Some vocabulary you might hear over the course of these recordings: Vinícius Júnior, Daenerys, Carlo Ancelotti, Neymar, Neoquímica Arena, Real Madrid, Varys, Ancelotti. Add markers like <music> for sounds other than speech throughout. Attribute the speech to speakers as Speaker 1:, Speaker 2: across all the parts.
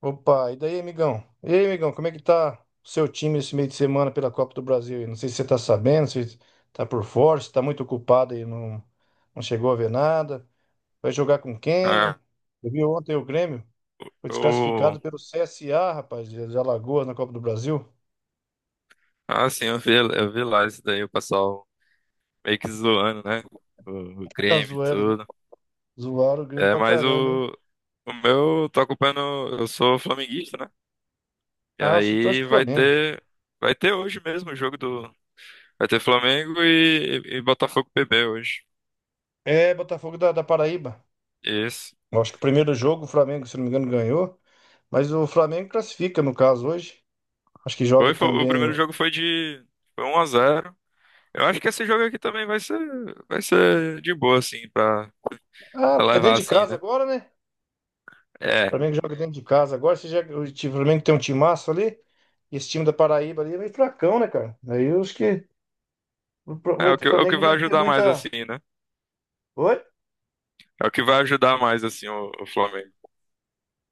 Speaker 1: Opa, e daí, amigão? E aí, amigão, como é que tá o seu time esse meio de semana pela Copa do Brasil? Aí? Não sei se você tá sabendo, se tá por fora, se tá muito ocupado e não chegou a ver nada. Vai jogar com
Speaker 2: Ah,
Speaker 1: quem? Eu vi ontem o Grêmio, foi
Speaker 2: eu,
Speaker 1: desclassificado pelo CSA, rapaz, de Alagoas na Copa do Brasil.
Speaker 2: sim, eu vi lá isso daí, o pessoal meio que zoando, né? O
Speaker 1: <laughs>
Speaker 2: Grêmio e
Speaker 1: Zoaram,
Speaker 2: tudo.
Speaker 1: zoaram o Grêmio
Speaker 2: É,
Speaker 1: pra
Speaker 2: mas
Speaker 1: caramba, hein?
Speaker 2: eu tô acompanhando, eu sou flamenguista, né? E
Speaker 1: Ah, você torce
Speaker 2: aí
Speaker 1: pro
Speaker 2: vai
Speaker 1: Flamengo.
Speaker 2: ter, vai ter hoje mesmo vai ter Flamengo e Botafogo PB hoje.
Speaker 1: É, Botafogo da Paraíba.
Speaker 2: Isso.
Speaker 1: Eu acho que o primeiro jogo o Flamengo, se não me engano, ganhou. Mas o Flamengo classifica, no caso, hoje. Acho que joga
Speaker 2: O
Speaker 1: também.
Speaker 2: primeiro jogo foi 1-0. Eu acho que esse jogo aqui também vai ser de boa, assim, pra
Speaker 1: Ah, é
Speaker 2: levar,
Speaker 1: dentro de
Speaker 2: assim,
Speaker 1: casa
Speaker 2: né?
Speaker 1: agora, né? O
Speaker 2: É,
Speaker 1: Flamengo joga dentro de casa agora. Você já, o Flamengo tem um timaço ali. E esse time da Paraíba ali é meio fracão, né, cara? Aí eu acho que
Speaker 2: é
Speaker 1: o
Speaker 2: o que, é o que
Speaker 1: Flamengo não
Speaker 2: vai
Speaker 1: vai ter
Speaker 2: ajudar mais,
Speaker 1: muita.
Speaker 2: assim, né?
Speaker 1: Oi?
Speaker 2: É o que vai ajudar mais, assim, o Flamengo.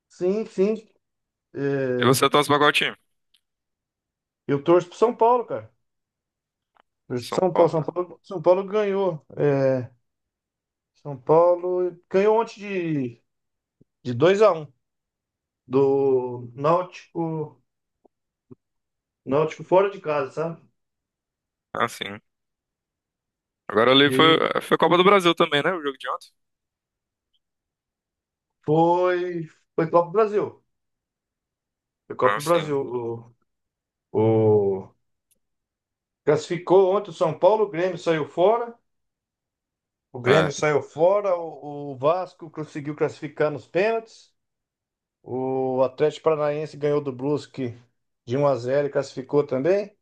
Speaker 1: Sim, sim.
Speaker 2: E
Speaker 1: É,
Speaker 2: você torce pra qual time?
Speaker 1: eu torço pro São Paulo, cara.
Speaker 2: São
Speaker 1: Torço pro São Paulo.
Speaker 2: Paulo,
Speaker 1: São
Speaker 2: né?
Speaker 1: Paulo, São Paulo ganhou. É, São Paulo ganhou ontem de 2-1 do Náutico, Náutico fora de casa, sabe?
Speaker 2: Ah, sim. Agora ali
Speaker 1: E
Speaker 2: foi Copa do Brasil também, né? O jogo de ontem.
Speaker 1: foi, foi Copa do Brasil. Foi Copa
Speaker 2: Ah,
Speaker 1: do
Speaker 2: sim.
Speaker 1: Brasil. O... Classificou ontem o São Paulo, o Grêmio saiu fora. O Grêmio
Speaker 2: É,
Speaker 1: saiu fora, o Vasco conseguiu classificar nos pênaltis. O Atlético Paranaense ganhou do Brusque de 1-0 e classificou também.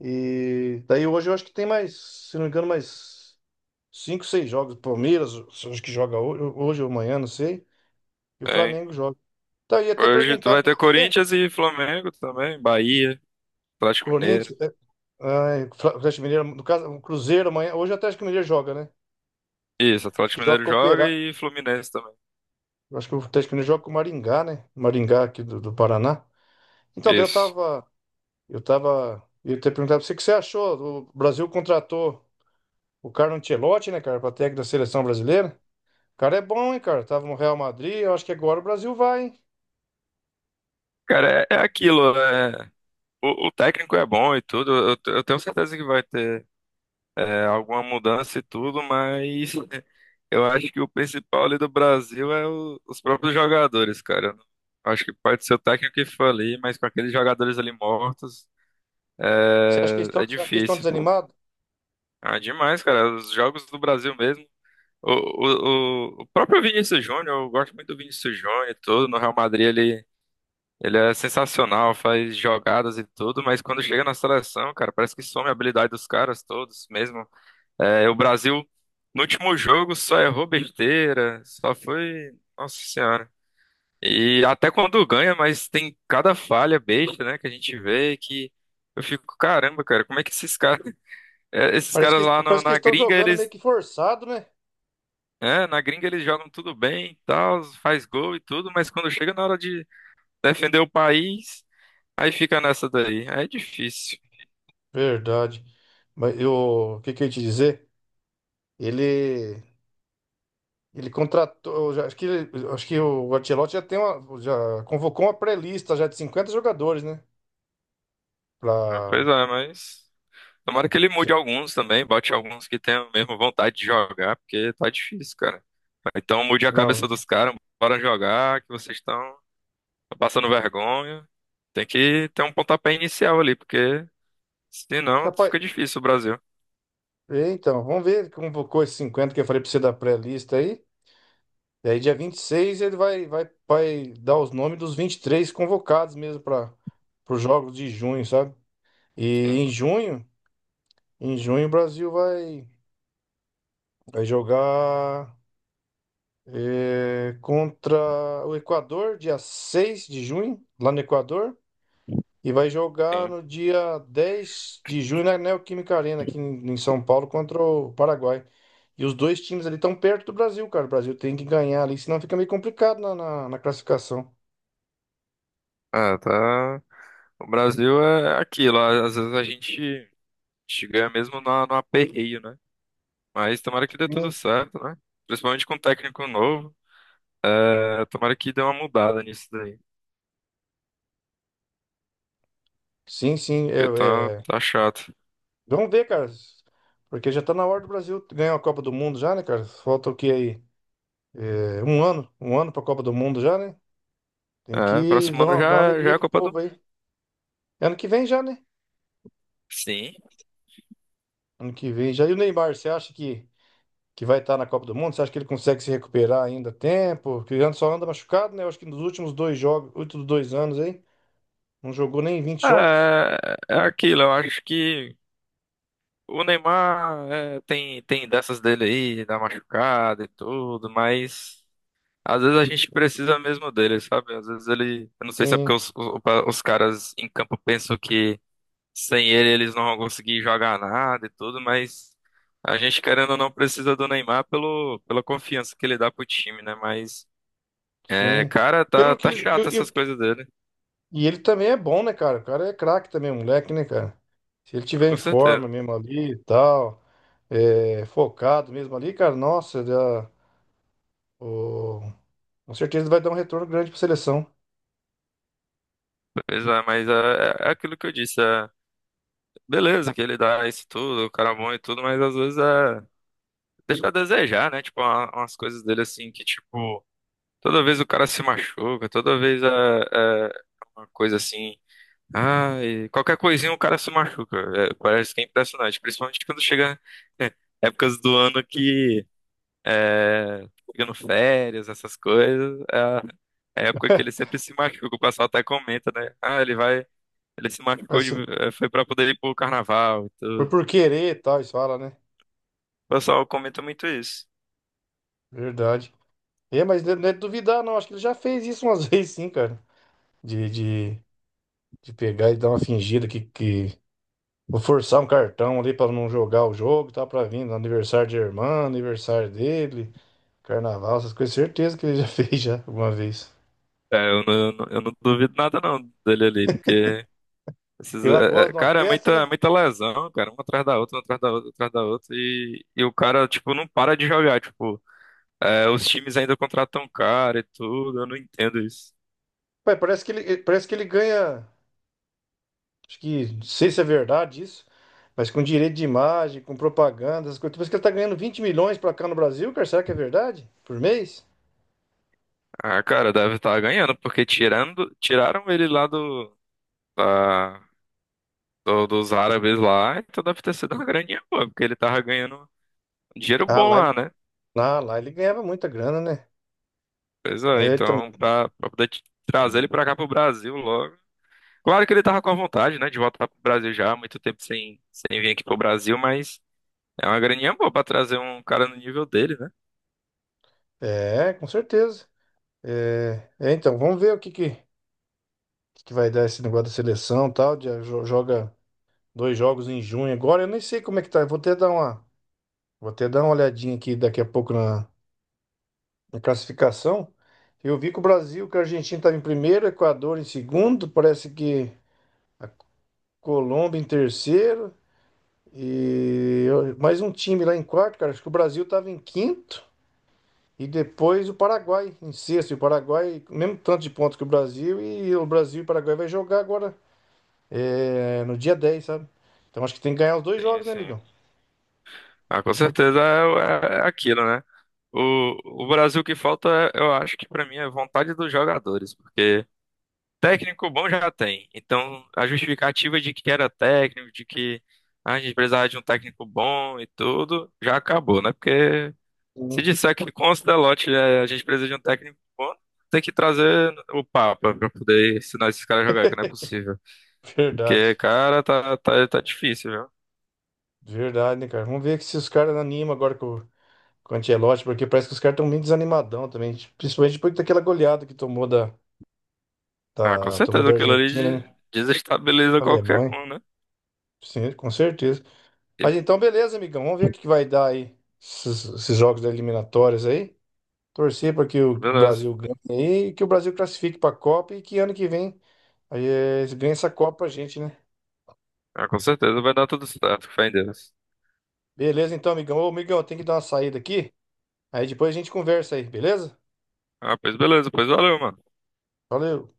Speaker 1: E daí hoje eu acho que tem mais, se não me engano, mais 5, 6 jogos. Palmeiras, acho que joga hoje, hoje ou amanhã, não sei. E o
Speaker 2: tem.
Speaker 1: Flamengo joga. Então, eu ia até
Speaker 2: Hoje tu
Speaker 1: perguntar
Speaker 2: vai
Speaker 1: pra
Speaker 2: ter
Speaker 1: você,
Speaker 2: Corinthians e Flamengo também, Bahia, Atlético
Speaker 1: Corinthians,
Speaker 2: Mineiro.
Speaker 1: ah, Atlético Mineiro, no caso, o Cruzeiro amanhã, hoje o Atlético Mineiro joga, né?
Speaker 2: Isso,
Speaker 1: Acho que
Speaker 2: Atlético
Speaker 1: joga
Speaker 2: Mineiro
Speaker 1: com o
Speaker 2: joga
Speaker 1: Operário.
Speaker 2: e Fluminense também.
Speaker 1: Eu acho que o Atlético Mineiro joga com o Maringá, né? Maringá aqui do Paraná. Então, daí eu
Speaker 2: Isso.
Speaker 1: tava. Eu tava. Eu até perguntar pra você o que você achou. O Brasil contratou o Carlo Ancelotti, né, cara, pra técnico da seleção brasileira. O cara é bom, hein, cara? Tava no Real Madrid. Eu acho que agora o Brasil vai, hein?
Speaker 2: Cara, é aquilo. O técnico é bom e tudo, eu tenho certeza que vai ter alguma mudança e tudo, mas eu acho que o principal ali do Brasil é os próprios jogadores, cara. Eu não-. Acho que pode ser o técnico que for ali, mas com aqueles jogadores ali mortos,
Speaker 1: Você acha que
Speaker 2: é,
Speaker 1: eles estão,
Speaker 2: é
Speaker 1: você acha que eles estão
Speaker 2: difícil.
Speaker 1: desanimados?
Speaker 2: Ah, demais, cara. Os jogos do Brasil mesmo. O próprio Vinícius Júnior, eu gosto muito do Vinícius Júnior e tudo. No Real Madrid ele é sensacional, faz jogadas e tudo, mas quando chega na seleção, cara, parece que some a habilidade dos caras todos mesmo. É, o Brasil, no último jogo, só errou besteira, só foi. Nossa Senhora. E até quando ganha, mas tem cada falha besta, né, que a gente vê que eu fico, caramba, cara, como é que esses caras, <laughs> esses
Speaker 1: Parece
Speaker 2: caras
Speaker 1: que,
Speaker 2: lá
Speaker 1: parece que eles
Speaker 2: na
Speaker 1: estão
Speaker 2: gringa,
Speaker 1: jogando meio que forçado, né?
Speaker 2: na gringa eles jogam tudo bem, e tal, faz gol e tudo, mas quando chega na hora de defender o país, aí fica nessa daí. Aí é difícil.
Speaker 1: Verdade. Mas eu. O que que eu ia te dizer? Ele. Ele contratou, acho que, acho que o Ancelotti já tem uma, já convocou uma pré-lista já de 50 jogadores, né?
Speaker 2: É, pois
Speaker 1: Pra,
Speaker 2: é, mas. Tomara que ele mude alguns também, bote alguns que tenham mesmo vontade de jogar, porque tá difícil, cara. Então mude a
Speaker 1: não,
Speaker 2: cabeça dos caras, bora jogar, que vocês estão passando vergonha. Tem que ter um pontapé inicial ali, porque senão
Speaker 1: rapaz,
Speaker 2: fica difícil o Brasil.
Speaker 1: é, então, vamos ver, ele convocou esses 50 que eu falei pra você da pré-lista aí, e aí dia 26 ele vai dar os nomes dos 23 convocados mesmo para os jogos de junho, sabe? E
Speaker 2: Sim,
Speaker 1: em junho, em junho o Brasil vai jogar contra o Equador, dia 6 de junho, lá no Equador, e vai jogar
Speaker 2: sim.
Speaker 1: no dia 10 de junho na Neoquímica Arena, aqui em São Paulo, contra o Paraguai. E os dois times ali estão perto do Brasil, cara. O Brasil tem que ganhar ali, senão fica meio complicado na classificação.
Speaker 2: Ah, tá. O Brasil é aquilo, às vezes a gente ganha mesmo no, no aperreio, né? Mas tomara que dê tudo
Speaker 1: Sim,
Speaker 2: certo, né? Principalmente com o técnico novo, tomara que dê uma mudada nisso daí,
Speaker 1: sim. Sim,
Speaker 2: porque tá,
Speaker 1: é.
Speaker 2: tá chato.
Speaker 1: Vamos ver, cara. Porque já tá na hora do Brasil ganhar a Copa do Mundo já, né, cara? Falta o que aí? É, um ano. Um ano pra Copa do Mundo já, né? Tem
Speaker 2: É,
Speaker 1: que
Speaker 2: próximo
Speaker 1: dar
Speaker 2: ano
Speaker 1: uma, dar uma
Speaker 2: já, já é
Speaker 1: alegria
Speaker 2: a
Speaker 1: pro
Speaker 2: Copa do
Speaker 1: povo
Speaker 2: Mundo.
Speaker 1: aí. Ano que vem já, né?
Speaker 2: Sim.
Speaker 1: Ano que vem já. E o Neymar, você acha que vai estar na Copa do Mundo? Você acha que ele consegue se recuperar ainda a tempo? Porque ele só anda machucado, né? Eu acho que nos últimos dois jogos, últimos 2 anos aí, não jogou nem 20 jogos.
Speaker 2: É, é aquilo, eu acho que o Neymar tem dessas dele aí, da machucada e tudo, mas às vezes a gente precisa mesmo dele, sabe? Às vezes ele. Eu não sei se é porque
Speaker 1: Sim,
Speaker 2: os, os caras em campo pensam que sem ele eles não vão conseguir jogar nada e tudo, mas a gente querendo ou não precisa do Neymar pelo, pela confiança que ele dá pro time, né? Mas, é,
Speaker 1: sim.
Speaker 2: cara, tá,
Speaker 1: Pelo que
Speaker 2: tá
Speaker 1: ele,
Speaker 2: chato essas coisas dele,
Speaker 1: e ele também é bom, né, cara? O cara é craque também, o moleque, né, cara? Se ele tiver em
Speaker 2: com
Speaker 1: forma
Speaker 2: certeza.
Speaker 1: mesmo ali e tal, focado mesmo ali, cara, nossa, o- com certeza ele vai dar um retorno grande pra seleção.
Speaker 2: Pois é, mas é aquilo que eu disse, beleza que ele dá isso tudo, o cara é bom e tudo, mas às vezes deixa a desejar, né? Tipo, umas coisas dele assim que, tipo, toda vez o cara se machuca, toda vez é uma coisa assim, ai, qualquer coisinha o cara se machuca. É, parece que é impressionante, principalmente quando chega <laughs> épocas do ano que é, chegando férias, essas coisas, é a época que ele
Speaker 1: <laughs>
Speaker 2: sempre se machuca, o pessoal até comenta, né? Ah, ele vai. Ele se
Speaker 1: Vai
Speaker 2: machucou
Speaker 1: ser-
Speaker 2: foi pra poder ir pro carnaval e
Speaker 1: foi
Speaker 2: tudo.
Speaker 1: por querer e tal, isso fala, né?
Speaker 2: O pessoal comenta muito isso.
Speaker 1: Verdade. É, mas não é de duvidar, não. Acho que ele já fez isso umas <laughs> vezes, sim, cara. De, de, de pegar e dar uma fingida que. Vou forçar um cartão ali pra não jogar o jogo, tá? Pra vir no aniversário de irmã, aniversário dele, carnaval, essas coisas. Certeza que ele já <laughs> fez já alguma vez.
Speaker 2: É, eu não duvido nada não dele ali, porque
Speaker 1: Ele lá gosta de uma
Speaker 2: cara, é muita,
Speaker 1: festa,
Speaker 2: é
Speaker 1: né?
Speaker 2: muita lesão, cara, uma atrás da outra, uma atrás da outra, uma atrás da outra, e o cara, tipo, não para de jogar, tipo, é, os times ainda contratam cara e tudo, eu não entendo isso.
Speaker 1: Pai, parece que ele ganha. Acho que. Não sei se é verdade isso, mas com direito de imagem, com propaganda, essas coisas. Parece que ele tá ganhando 20 milhões pra cá no Brasil, cara. Será que é verdade? Por mês?
Speaker 2: Ah, cara, deve estar ganhando, porque tiraram ele lá do, da- dos árabes lá, então deve ter sido uma graninha boa, porque ele tava ganhando um dinheiro
Speaker 1: Ah,
Speaker 2: bom
Speaker 1: lá
Speaker 2: lá, né?
Speaker 1: Ah, lá ele ganhava muita grana, né?
Speaker 2: Pois é,
Speaker 1: É, então,
Speaker 2: então, pra poder trazer ele pra cá pro Brasil logo. Claro que ele tava com a vontade, né, de voltar pro Brasil já, há muito tempo sem, sem vir aqui pro Brasil, mas é uma graninha boa pra trazer um cara no nível dele, né?
Speaker 1: com certeza. É, então, vamos ver o que vai dar esse negócio da seleção e tal. Ah, joga dois jogos em junho agora. Eu nem sei como é que tá. Eu vou até dar uma olhadinha aqui daqui a pouco na classificação. Eu vi que a Argentina estava em primeiro, o Equador em segundo, parece que a Colômbia em terceiro. E mais um time lá em quarto, cara. Acho que o Brasil estava em quinto. E depois o Paraguai, em sexto, e o Paraguai, mesmo tanto de pontos que o Brasil, e o Brasil e o Paraguai vai jogar agora, no dia 10, sabe? Então acho que tem que ganhar os dois
Speaker 2: Sim,
Speaker 1: jogos, né,
Speaker 2: sim.
Speaker 1: amigão?
Speaker 2: Ah, com certeza é aquilo, né? O Brasil que falta, eu acho que pra mim é vontade dos jogadores, porque técnico bom já tem. Então, a justificativa de que era técnico, de que ah, a gente precisava de um técnico bom e tudo, já acabou, né? Porque se
Speaker 1: Sim.
Speaker 2: disser que com o Ancelotti é, a gente precisa de um técnico bom, tem que trazer o Papa pra poder ensinar esses caras a jogar, que não é possível. Porque,
Speaker 1: Verdade,
Speaker 2: cara, tá difícil, viu?
Speaker 1: verdade, né, cara? Vamos ver que se os caras animam agora com o Ancelotti, porque parece que os caras estão meio desanimadão também, principalmente depois daquela goleada que tomou da,
Speaker 2: Ah, com
Speaker 1: da, tomou
Speaker 2: certeza,
Speaker 1: da
Speaker 2: aquilo ali
Speaker 1: Argentina, né?
Speaker 2: desestabiliza qualquer
Speaker 1: Alemanha,
Speaker 2: um, né?
Speaker 1: sim, com certeza.
Speaker 2: E
Speaker 1: Mas então, beleza, amigão, vamos ver o que que vai dar aí, esses jogos da eliminatórias aí. Torcer para que o
Speaker 2: beleza.
Speaker 1: Brasil ganhe e que o Brasil classifique para a Copa e que ano que vem aí, eles essa Copa pra gente, né?
Speaker 2: Ah, com certeza vai dar tudo certo, fé em Deus.
Speaker 1: Beleza, então, amigão. Ô, amigão, tem que dar uma saída aqui. Aí depois a gente conversa aí, beleza?
Speaker 2: Ah, pois beleza, pois valeu, mano.
Speaker 1: Valeu.